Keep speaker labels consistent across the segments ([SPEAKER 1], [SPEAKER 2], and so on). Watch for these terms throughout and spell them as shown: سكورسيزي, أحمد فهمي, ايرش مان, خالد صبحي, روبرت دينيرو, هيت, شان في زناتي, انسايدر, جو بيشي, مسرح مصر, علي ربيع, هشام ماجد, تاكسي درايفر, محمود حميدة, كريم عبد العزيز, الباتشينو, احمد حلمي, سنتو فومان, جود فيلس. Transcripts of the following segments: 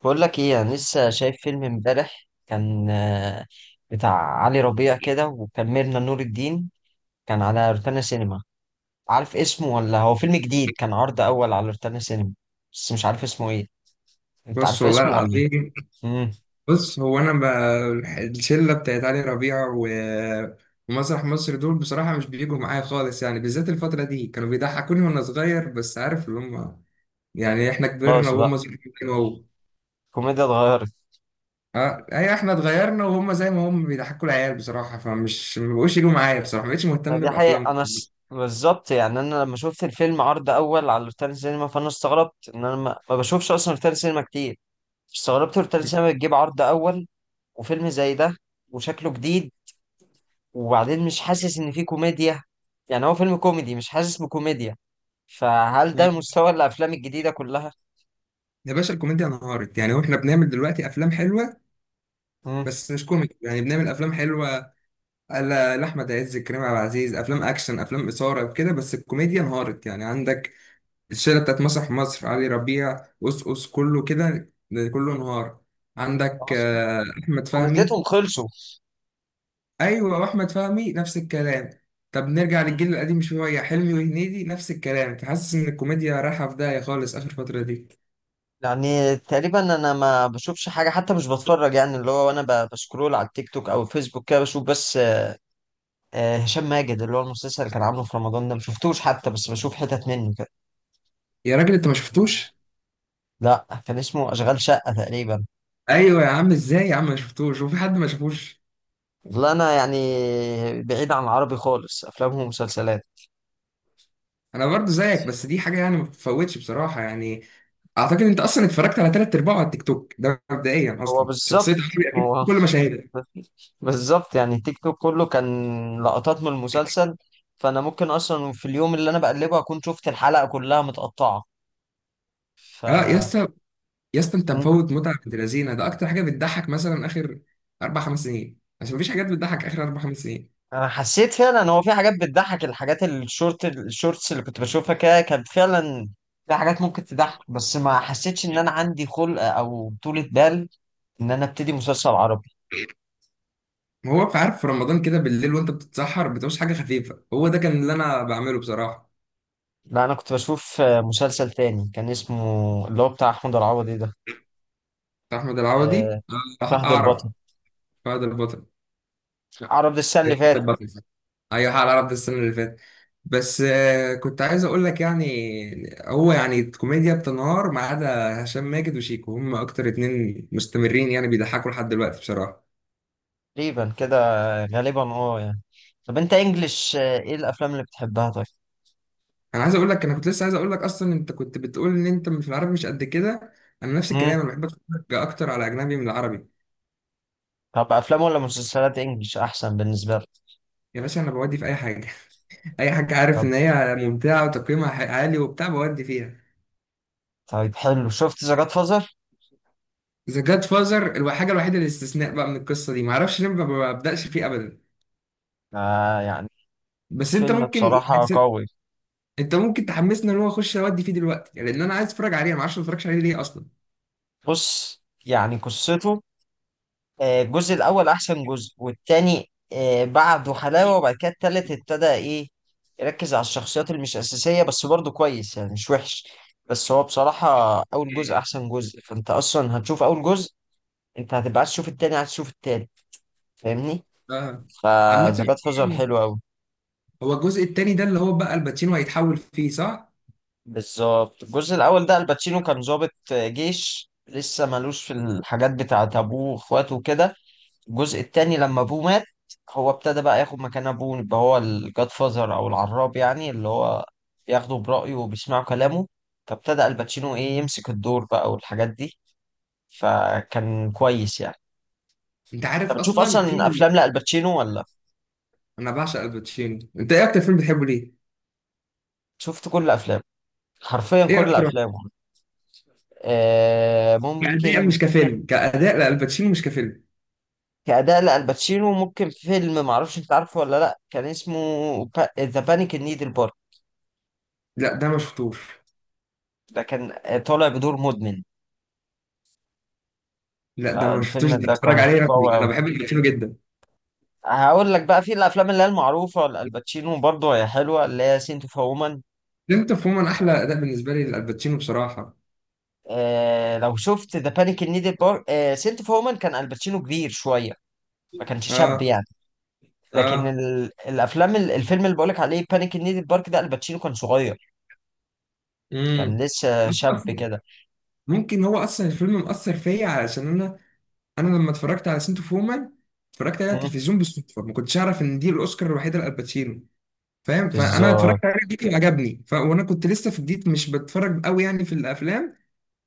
[SPEAKER 1] بقول لك ايه، انا لسه شايف فيلم امبارح كان بتاع علي ربيع كده، وكملنا نور الدين. كان على روتانا سينما. عارف اسمه، ولا هو فيلم جديد كان عرض اول على روتانا سينما؟ بس مش عارف اسمه ايه. انت
[SPEAKER 2] بص
[SPEAKER 1] عارف
[SPEAKER 2] والله
[SPEAKER 1] اسمه ولا؟
[SPEAKER 2] العظيم.
[SPEAKER 1] امم.
[SPEAKER 2] بص هو انا الشله بتاعت علي ربيع ومسرح مصر دول بصراحه مش بيجوا معايا خالص، يعني بالذات الفتره دي كانوا بيضحكوني وانا صغير، بس عارف اللي هم يعني. احنا كبرنا
[SPEAKER 1] خلاص بقى،
[SPEAKER 2] وهم صغيرين كده اهو.
[SPEAKER 1] كوميديا اتغيرت.
[SPEAKER 2] اه ايوه، احنا اتغيرنا وهم زي ما هم بيضحكوا العيال بصراحه، فمش ما بقوش يجوا معايا بصراحه، ما بقتش مهتم
[SPEAKER 1] دي
[SPEAKER 2] بافلامهم.
[SPEAKER 1] حقيقة. بالظبط يعني، انا لما شفت الفيلم عرض اول على روتانا سينما، فانا استغربت ان انا ما بشوفش اصلا روتانا سينما كتير. استغربت روتانا سينما بتجيب عرض اول، وفيلم زي ده، وشكله جديد. وبعدين مش حاسس ان في كوميديا، يعني هو فيلم كوميدي مش حاسس بكوميديا. فهل ده مستوى الافلام الجديده كلها؟
[SPEAKER 2] يا باشا الكوميديا انهارت يعني، واحنا بنعمل دلوقتي افلام حلوه
[SPEAKER 1] مم.
[SPEAKER 2] بس مش كوميدي، يعني بنعمل افلام حلوه. لأحمد عز، كريم عبد العزيز، أفلام أكشن، أفلام إثارة وكده، بس الكوميديا انهارت. يعني عندك الشلة بتاعت مسرح مصر، علي ربيع، أس أس، كله كده، كله انهار. عندك
[SPEAKER 1] خلاص،
[SPEAKER 2] أحمد فهمي.
[SPEAKER 1] كوميديتهم خلصوا.
[SPEAKER 2] أيوة، وأحمد فهمي نفس الكلام. طب نرجع
[SPEAKER 1] مم.
[SPEAKER 2] للجيل القديم شوية، حلمي وهنيدي نفس الكلام، فحاسس إن الكوميديا رايحة في داهية خالص آخر فترة دي.
[SPEAKER 1] يعني تقريبا انا ما بشوفش حاجه، حتى مش بتفرج. يعني اللي هو انا بسكرول على التيك توك او الفيسبوك كده، بشوف بس هشام ماجد، اللي هو المسلسل اللي كان عامله في رمضان ده، ما شفتوش حتى، بس بشوف حتت منه كده.
[SPEAKER 2] يا راجل أنت ما شفتوش؟
[SPEAKER 1] لا، كان اسمه اشغال شقه تقريبا.
[SPEAKER 2] أيوة يا عم، إزاي يا عم ما شفتوش وفي حد ما شافوش؟
[SPEAKER 1] لا انا يعني، بعيد عن العربي خالص، افلام ومسلسلات.
[SPEAKER 2] أنا برضو زيك، بس دي حاجة يعني ما بتتفوتش بصراحة يعني. اعتقد انت اصلا اتفرجت على ثلاث ارباعه على التيك توك ده مبدئيا،
[SPEAKER 1] هو
[SPEAKER 2] اصلا شخصيه
[SPEAKER 1] بالظبط
[SPEAKER 2] حربي اكيد
[SPEAKER 1] هو.
[SPEAKER 2] في كل مشاهدها.
[SPEAKER 1] مفيش. بالظبط يعني، تيك توك كله كان لقطات من المسلسل، فانا ممكن اصلا في اليوم اللي انا بقلبه اكون شفت الحلقة كلها متقطعة. ف
[SPEAKER 2] اه يا اسطى، يا اسطى انت
[SPEAKER 1] مم.
[SPEAKER 2] مفوت متعه بنت لذينه، ده اكتر حاجه بتضحك مثلا اخر اربع خمس سنين، عشان مفيش حاجات بتضحك اخر اربع خمس سنين.
[SPEAKER 1] انا حسيت فعلا، هو في حاجات بتضحك، الحاجات الشورتس اللي كنت بشوفها كده كانت فعلا في حاجات ممكن تضحك، بس ما حسيتش ان انا عندي خلق او طولة بال ان انا ابتدي مسلسل عربي.
[SPEAKER 2] ما هو بقى عارف، في رمضان كده بالليل وانت بتتسحر بتعوز حاجه خفيفه، هو ده كان اللي انا بعمله بصراحه.
[SPEAKER 1] لا انا كنت بشوف مسلسل تاني، كان اسمه اللي هو بتاع احمد العوضي ده،
[SPEAKER 2] بتاع احمد العوضي.
[SPEAKER 1] آه، فهد
[SPEAKER 2] اعرب.
[SPEAKER 1] البطل.
[SPEAKER 2] فهد
[SPEAKER 1] عرض السنة اللي فاتت
[SPEAKER 2] البطل. ايوه، حق العرب ده السنه اللي فاتت. بس كنت عايز اقول لك يعني، هو يعني الكوميديا بتنهار ما عدا هشام ماجد وشيكو، هم اكتر اتنين مستمرين يعني بيضحكوا لحد دلوقتي بصراحه.
[SPEAKER 1] تقريبا كده، غالبا اه يعني. طب، انت انجلش، ايه الافلام اللي بتحبها؟ طيب.
[SPEAKER 2] انا عايز اقول لك، انا كنت لسه عايز اقول لك اصلا، انت كنت بتقول ان انت في العربي مش قد كده، انا نفس
[SPEAKER 1] امم.
[SPEAKER 2] الكلام، انا بحب اتفرج اكتر على اجنبي من العربي.
[SPEAKER 1] طب، افلام ولا مسلسلات انجلش احسن بالنسبه لك؟
[SPEAKER 2] يا باشا انا بودي في اي حاجه اي حاجه عارف
[SPEAKER 1] طب
[SPEAKER 2] ان هي ممتعه وتقييمها عالي وبتاع بودي فيها.
[SPEAKER 1] طيب، حلو، شفت ذا جاد فازر؟
[SPEAKER 2] ذا جاد فازر الحاجه الوحيده الاستثناء بقى من القصه دي، معرفش ليه ما ببداش فيه ابدا.
[SPEAKER 1] آه يعني،
[SPEAKER 2] بس انت
[SPEAKER 1] فيلم
[SPEAKER 2] ممكن،
[SPEAKER 1] بصراحه قوي.
[SPEAKER 2] انت ممكن تحمسنا ان هو اخش اودي فيه دلوقتي، يعني لان انا عايز اتفرج عليه، انا ما اعرفش ما اتفرجش عليه ليه اصلا.
[SPEAKER 1] بص، يعني قصته، الجزء الاول احسن جزء، والتاني بعده حلاوه، وبعد كده التالت ابتدى ايه، يركز على الشخصيات اللي مش اساسيه، بس برضه كويس يعني، مش وحش. بس هو بصراحه اول جزء احسن جزء، فانت اصلا هتشوف اول جزء، انت هتبقى عايز تشوف التاني، عايز تشوف التالت، فاهمني؟
[SPEAKER 2] اه. عامة،
[SPEAKER 1] فذا جاد فازر حلو قوي.
[SPEAKER 2] هو الجزء التاني ده اللي هو بقى الباتشينو هيتحول فيه صح؟
[SPEAKER 1] بالظبط، الجزء الاول ده الباتشينو كان ضابط جيش، لسه مالوش في الحاجات بتاعت ابوه واخواته وكده. الجزء التاني، لما ابوه مات، هو ابتدى بقى ياخد مكان ابوه، يبقى هو الجاد فازر او العراب يعني، اللي هو بياخده برأيه وبيسمعوا كلامه، فابتدى الباتشينو ايه، يمسك الدور بقى والحاجات دي، فكان كويس يعني.
[SPEAKER 2] انت عارف
[SPEAKER 1] انت بتشوف
[SPEAKER 2] اصلا في
[SPEAKER 1] اصلا افلام لألباتشينو ولا؟
[SPEAKER 2] انا بعشق الباتشينو، انت ايه اكتر فيلم بتحبه ليه؟
[SPEAKER 1] شفت كل افلامه، حرفيا
[SPEAKER 2] ايه
[SPEAKER 1] كل
[SPEAKER 2] اكتر؟
[SPEAKER 1] افلامه.
[SPEAKER 2] كأداء
[SPEAKER 1] ممكن،
[SPEAKER 2] مش كفيلم، كأداء، لا الباتشينو، مش كفيلم.
[SPEAKER 1] كأداء لألباتشينو، ممكن فيلم معرفش انت عارفه ولا لأ، كان اسمه ذا بانيك ان نيد البارك.
[SPEAKER 2] لا ده ما شفتوش.
[SPEAKER 1] ده كان طالع بدور مدمن.
[SPEAKER 2] لا ده انا ما شفتوش،
[SPEAKER 1] فالفيلم
[SPEAKER 2] ده
[SPEAKER 1] ده
[SPEAKER 2] بتفرج
[SPEAKER 1] كان
[SPEAKER 2] عليه رقمي،
[SPEAKER 1] قوي
[SPEAKER 2] انا
[SPEAKER 1] أوي.
[SPEAKER 2] بحب الباتشينو جدا.
[SPEAKER 1] هقول لك بقى، في الأفلام اللي هي المعروفة لألباتشينو برضه، هي حلوة اللي هي سنت اوف وومن.
[SPEAKER 2] انت فهمان احلى اداء بالنسبه لي للباتشينو بصراحه.
[SPEAKER 1] آه، لو شفت ذا بانيك ان نيد البارك سنت اوف وومن، كان ألباتشينو كبير شوية، ما كانش شاب
[SPEAKER 2] اه.
[SPEAKER 1] يعني. لكن
[SPEAKER 2] اه.
[SPEAKER 1] الفيلم اللي بقولك عليه بانيك ان نيد البارك ده، الباتشينو كان صغير، كان
[SPEAKER 2] امم،
[SPEAKER 1] لسه
[SPEAKER 2] ممكن
[SPEAKER 1] شاب.
[SPEAKER 2] ممكن هو اصلا الفيلم مأثر فيا علشان انا، انا لما اتفرجت على سنتو فومان اتفرجت عليها على
[SPEAKER 1] كده
[SPEAKER 2] التلفزيون بالصدفه، ما كنتش اعرف ان دي الاوسكار الوحيده لالباتشينو، فاهم؟ فانا
[SPEAKER 1] بالظبط.
[SPEAKER 2] اتفرجت عليه جديد وعجبني وانا كنت لسه في جديد مش بتفرج قوي يعني في الافلام،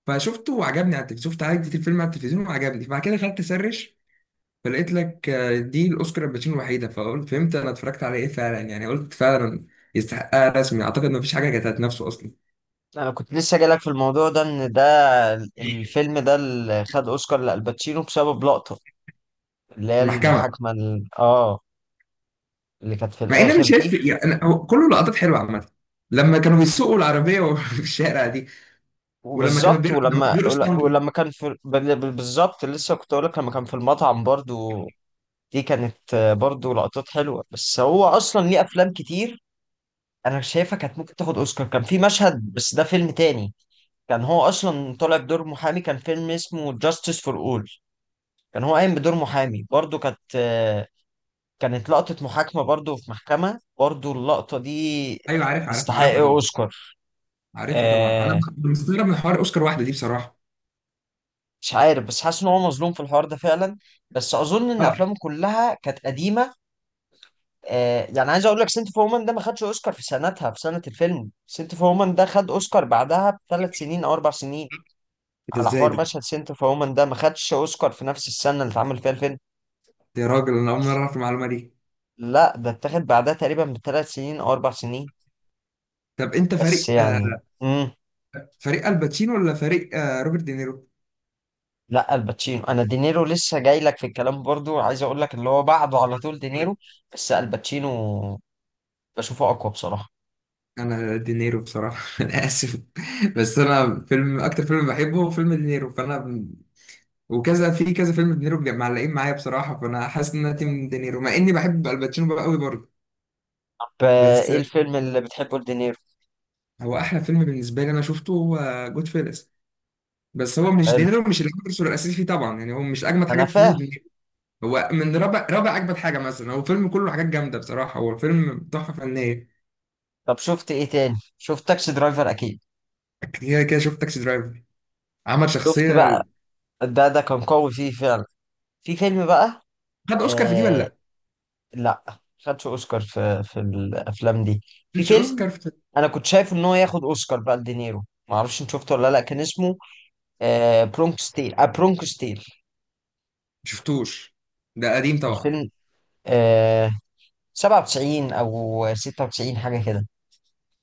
[SPEAKER 2] فشفته وعجبني على التلفزيون، شفت عادي الفيلم على التلفزيون وعجبني، فبعد كده دخلت اسرش، فلقيت لك دي الاوسكار الباتشينو الوحيده، فقلت فهمت انا اتفرجت على ايه فعلا، يعني قلت فعلا يستحقها رسمي، اعتقد ما فيش حاجه كانت هتنافسه اصلا.
[SPEAKER 1] انا كنت لسه جايلك في الموضوع ده، ان ده الفيلم ده اللي خد اوسكار لالباتشينو بسبب لقطه، اللي هي
[SPEAKER 2] المحكمه.
[SPEAKER 1] المحاكمه اللي كانت في
[SPEAKER 2] مع ان انا
[SPEAKER 1] الاخر
[SPEAKER 2] شايف
[SPEAKER 1] دي.
[SPEAKER 2] يعني، أنا هو كله لقطات حلوه عامه، لما كانوا بيسوقوا العربيه في الشارع دي،
[SPEAKER 1] وبالظبط،
[SPEAKER 2] لما كانوا
[SPEAKER 1] ولما
[SPEAKER 2] بيرقصوا تانجو.
[SPEAKER 1] ولما كان في بالظبط لسه كنت اقول لك، لما كان في المطعم برضو، دي كانت برضو لقطات حلوه، بس هو اصلا ليه افلام كتير انا شايفها كانت ممكن تاخد اوسكار، كان في مشهد بس ده فيلم تاني، كان هو اصلا طالع بدور محامي، كان فيلم اسمه جاستس فور اول، كان هو قايم بدور محامي برضو، كانت لقطة محاكمة برضو، في محكمة برضو، اللقطة دي
[SPEAKER 2] ايوه عارف، عارف،
[SPEAKER 1] تستحق
[SPEAKER 2] عارفها طبعا.
[SPEAKER 1] أوسكار.
[SPEAKER 2] عارفها طبعا، انا
[SPEAKER 1] آه،
[SPEAKER 2] مستغرب من حوار اوسكار واحده دي بصراحه.
[SPEAKER 1] مش عارف، بس حاسس إن هو مظلوم في الحوار ده فعلا، بس أظن إن
[SPEAKER 2] اه.
[SPEAKER 1] أفلامه كلها كانت قديمة. يعني عايز أقول لك، سنت اوف وومن ده ما خدش أوسكار في سنتها، في سنة الفيلم، سنت اوف وومن ده خد أوسكار بعدها بـ3 سنين أو 4 سنين،
[SPEAKER 2] ده
[SPEAKER 1] على
[SPEAKER 2] ازاي
[SPEAKER 1] حوار
[SPEAKER 2] ده؟
[SPEAKER 1] مشهد سنت اوف وومن، ده ما خدش أوسكار في نفس السنة اللي اتعمل فيها الفيلم.
[SPEAKER 2] ده يا راجل انا اول مره اعرف المعلومه دي.
[SPEAKER 1] لا، ده اتاخد بعدها تقريبا بـ3 سنين أو 4 سنين،
[SPEAKER 2] طب انت
[SPEAKER 1] بس
[SPEAKER 2] فريق
[SPEAKER 1] يعني. امم.
[SPEAKER 2] فريق الباتشينو ولا فريق روبرت دينيرو؟
[SPEAKER 1] لا، الباتشينو. انا دينيرو لسه جاي لك في الكلام برضو، عايز اقول لك اللي هو بعده على طول دينيرو، بس الباتشينو بشوفه اقوى بصراحة.
[SPEAKER 2] انا دينيرو بصراحه انا اسف. بس انا فيلم اكتر فيلم بحبه هو فيلم دينيرو فانا، وكذا في كذا فيلم دينيرو معلقين معايا بصراحه، فانا حاسس ان انا تيم دينيرو، مع اني بحب الباتشينو بقى قوي برضه.
[SPEAKER 1] طب،
[SPEAKER 2] بس
[SPEAKER 1] ايه الفيلم اللي بتحبه لدينيرو؟
[SPEAKER 2] هو احلى فيلم بالنسبه لي انا شفته هو جود فيلس، بس هو مش
[SPEAKER 1] حلو،
[SPEAKER 2] دينيرو مش العنصر الاساسي فيه طبعا، يعني هو مش اجمد حاجه
[SPEAKER 1] انا
[SPEAKER 2] في فيلم
[SPEAKER 1] فاهم.
[SPEAKER 2] دينيرو. هو من رابع رابع اجمد حاجه مثلا، هو فيلم كله حاجات جامده بصراحه، هو الفيلم تحفه فنيه.
[SPEAKER 1] طب شفت ايه تاني؟ شفت تاكسي درايفر اكيد.
[SPEAKER 2] كده كده شفت تاكسي درايفر، عمل
[SPEAKER 1] شفت
[SPEAKER 2] شخصيه.
[SPEAKER 1] بقى، ده كان قوي فيه فعلا. في فيلم بقى،
[SPEAKER 2] خد اوسكار في دي ولا
[SPEAKER 1] آه،
[SPEAKER 2] لا؟
[SPEAKER 1] لا خدش اوسكار في الافلام دي. في
[SPEAKER 2] مش
[SPEAKER 1] فيلم
[SPEAKER 2] اوسكار في.
[SPEAKER 1] انا كنت شايف ان هو ياخد اوسكار بقى لدينيرو، معرفش انت شفته ولا لا، كان اسمه برونكوستيل
[SPEAKER 2] ما شفتوش، ده قديم طبعا.
[SPEAKER 1] الفيلم آه 97 او 96 حاجه كده.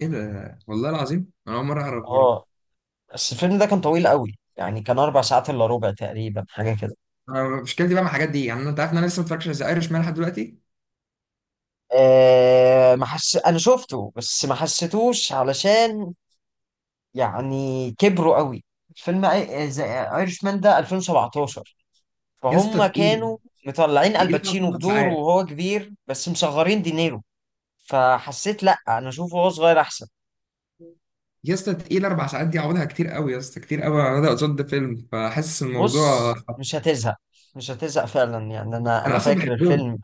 [SPEAKER 2] ايه ده والله العظيم انا اول مره اعرف.
[SPEAKER 1] اه، بس الفيلم ده كان طويل قوي يعني، كان 4 ساعات الا ربع تقريبا حاجه كده.
[SPEAKER 2] أنا مشكلتي بقى مع الحاجات دي، يعني انت عارف ان انا لسه ما اتفرجتش على ايرش مان لحد دلوقتي.
[SPEAKER 1] آه، ما حس انا شفته بس ما حسيتوش، علشان يعني كبروا قوي، فيلم ايرش مان ده 2017،
[SPEAKER 2] يا اسطى
[SPEAKER 1] فهم
[SPEAKER 2] تقيل،
[SPEAKER 1] كانوا مطلعين
[SPEAKER 2] تقيل أوي
[SPEAKER 1] الباتشينو
[SPEAKER 2] اربع
[SPEAKER 1] بدور
[SPEAKER 2] ساعات.
[SPEAKER 1] وهو كبير، بس مصغرين دينيرو، فحسيت لا، انا اشوفه وهو صغير احسن.
[SPEAKER 2] يا اسطى تقيل، اربع ساعات دي عوضها كتير قوي يا اسطى، كتير قوي، انا قصاد فيلم فحاسس الموضوع.
[SPEAKER 1] بص مش هتزهق، مش هتزهق فعلا يعني، انا
[SPEAKER 2] انا
[SPEAKER 1] انا
[SPEAKER 2] اصلا
[SPEAKER 1] فاكر
[SPEAKER 2] بحبهم.
[SPEAKER 1] الفيلم.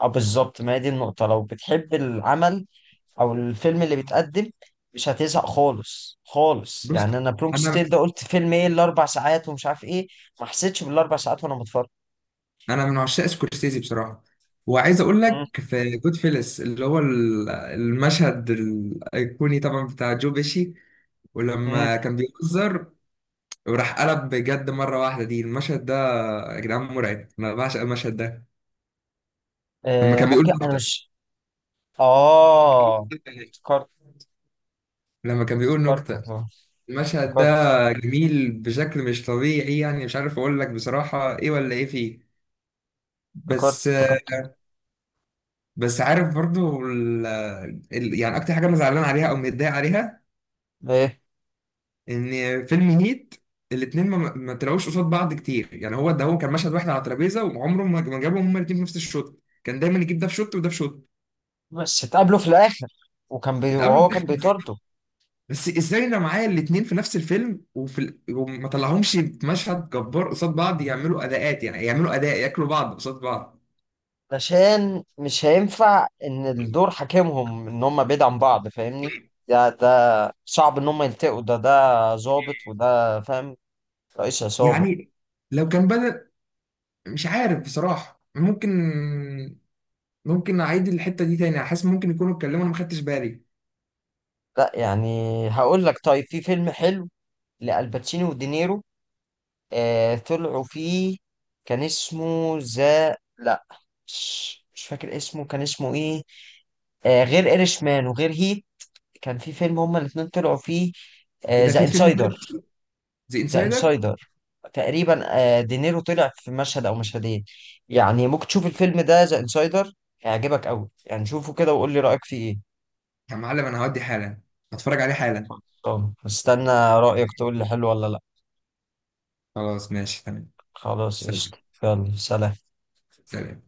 [SPEAKER 1] اه بالظبط، ما هي دي النقطة، لو بتحب العمل او الفيلم اللي بيتقدم مش هتزهق خالص خالص
[SPEAKER 2] بص،
[SPEAKER 1] يعني. انا برونكو
[SPEAKER 2] انا
[SPEAKER 1] ستيل ده قلت فيلم ايه، الاربع ساعات ومش عارف ايه، ما حسيتش بالاربع ساعات وانا بتفرج.
[SPEAKER 2] انا من عشاق سكورسيزي بصراحه، وعايز اقول
[SPEAKER 1] مم.
[SPEAKER 2] لك في جود فيلس اللي هو المشهد الايقوني طبعا بتاع جو بيشي،
[SPEAKER 1] مم.
[SPEAKER 2] ولما كان بيهزر وراح قلب بجد مره واحده دي، المشهد ده يا جدعان مرعب، انا بعشق المشهد ده. لما
[SPEAKER 1] آه
[SPEAKER 2] كان بيقول،
[SPEAKER 1] ممكن انا مش. اه، افتكرت.
[SPEAKER 2] لما كان بيقول
[SPEAKER 1] افتكرت.
[SPEAKER 2] نكتة،
[SPEAKER 1] افتكرت
[SPEAKER 2] المشهد ده جميل بشكل مش طبيعي، يعني مش عارف اقول لك بصراحة ايه ولا ايه فيه.
[SPEAKER 1] افتكرت
[SPEAKER 2] بس،
[SPEAKER 1] افتكرت.
[SPEAKER 2] بس عارف برضو يعني اكتر حاجة انا زعلان عليها او متضايق عليها،
[SPEAKER 1] ايه؟
[SPEAKER 2] ان فيلم هيت الاتنين ما طلعوش قصاد بعض كتير، يعني هو ده، هو كان مشهد واحد على ترابيزة وعمره ما جابهم هما الاتنين في نفس الشوت، كان دايما يجيب ده في شوت وده في شوت.
[SPEAKER 1] بس اتقابلوا في الاخر،
[SPEAKER 2] اتقابلوا،
[SPEAKER 1] وهو كان بيطارده.
[SPEAKER 2] بس ازاي انا معايا الاتنين في نفس الفيلم وفي وما طلعهمش في مشهد جبار قصاد بعض، يعملوا اداءات، يعني يعملوا اداء ياكلوا بعض قصاد بعض.
[SPEAKER 1] علشان مش هينفع ان الدور حاكمهم ان هم بعيد عن بعض، فاهمني؟ ده صعب ان هم يلتقوا. ده ظابط، وده فاهم رئيس عصابة.
[SPEAKER 2] يعني لو كان بدل، مش عارف بصراحة، ممكن، ممكن اعيد الحتة دي تاني، حاسس ممكن يكونوا اتكلموا انا ما خدتش بالي.
[SPEAKER 1] لا يعني، هقول لك طيب، في فيلم حلو لألباتشيني ودينيرو، آه، طلعوا فيه، كان اسمه ذا لا مش فاكر اسمه كان اسمه ايه، آه، غير ايرش مان وغير هيت، كان في فيلم هما الاتنين طلعوا فيه،
[SPEAKER 2] ايه ده،
[SPEAKER 1] ذا
[SPEAKER 2] في فيلم تالت؟
[SPEAKER 1] انسايدر.
[SPEAKER 2] ذا
[SPEAKER 1] ذا
[SPEAKER 2] انسايدر.
[SPEAKER 1] انسايدر تقريبا، دينيرو طلع في مشهد او مشهدين، يعني ممكن تشوف الفيلم ده ذا انسايدر، هيعجبك قوي يعني، شوفه كده وقول لي رايك فيه ايه.
[SPEAKER 2] يا معلم انا هودي حالا، هتفرج عليه حالا.
[SPEAKER 1] طب استنى، رايك تقول لي حلو ولا لا.
[SPEAKER 2] خلاص ماشي تمام.
[SPEAKER 1] خلاص قشطة.
[SPEAKER 2] سلام.
[SPEAKER 1] يلا، سلام.
[SPEAKER 2] سلام.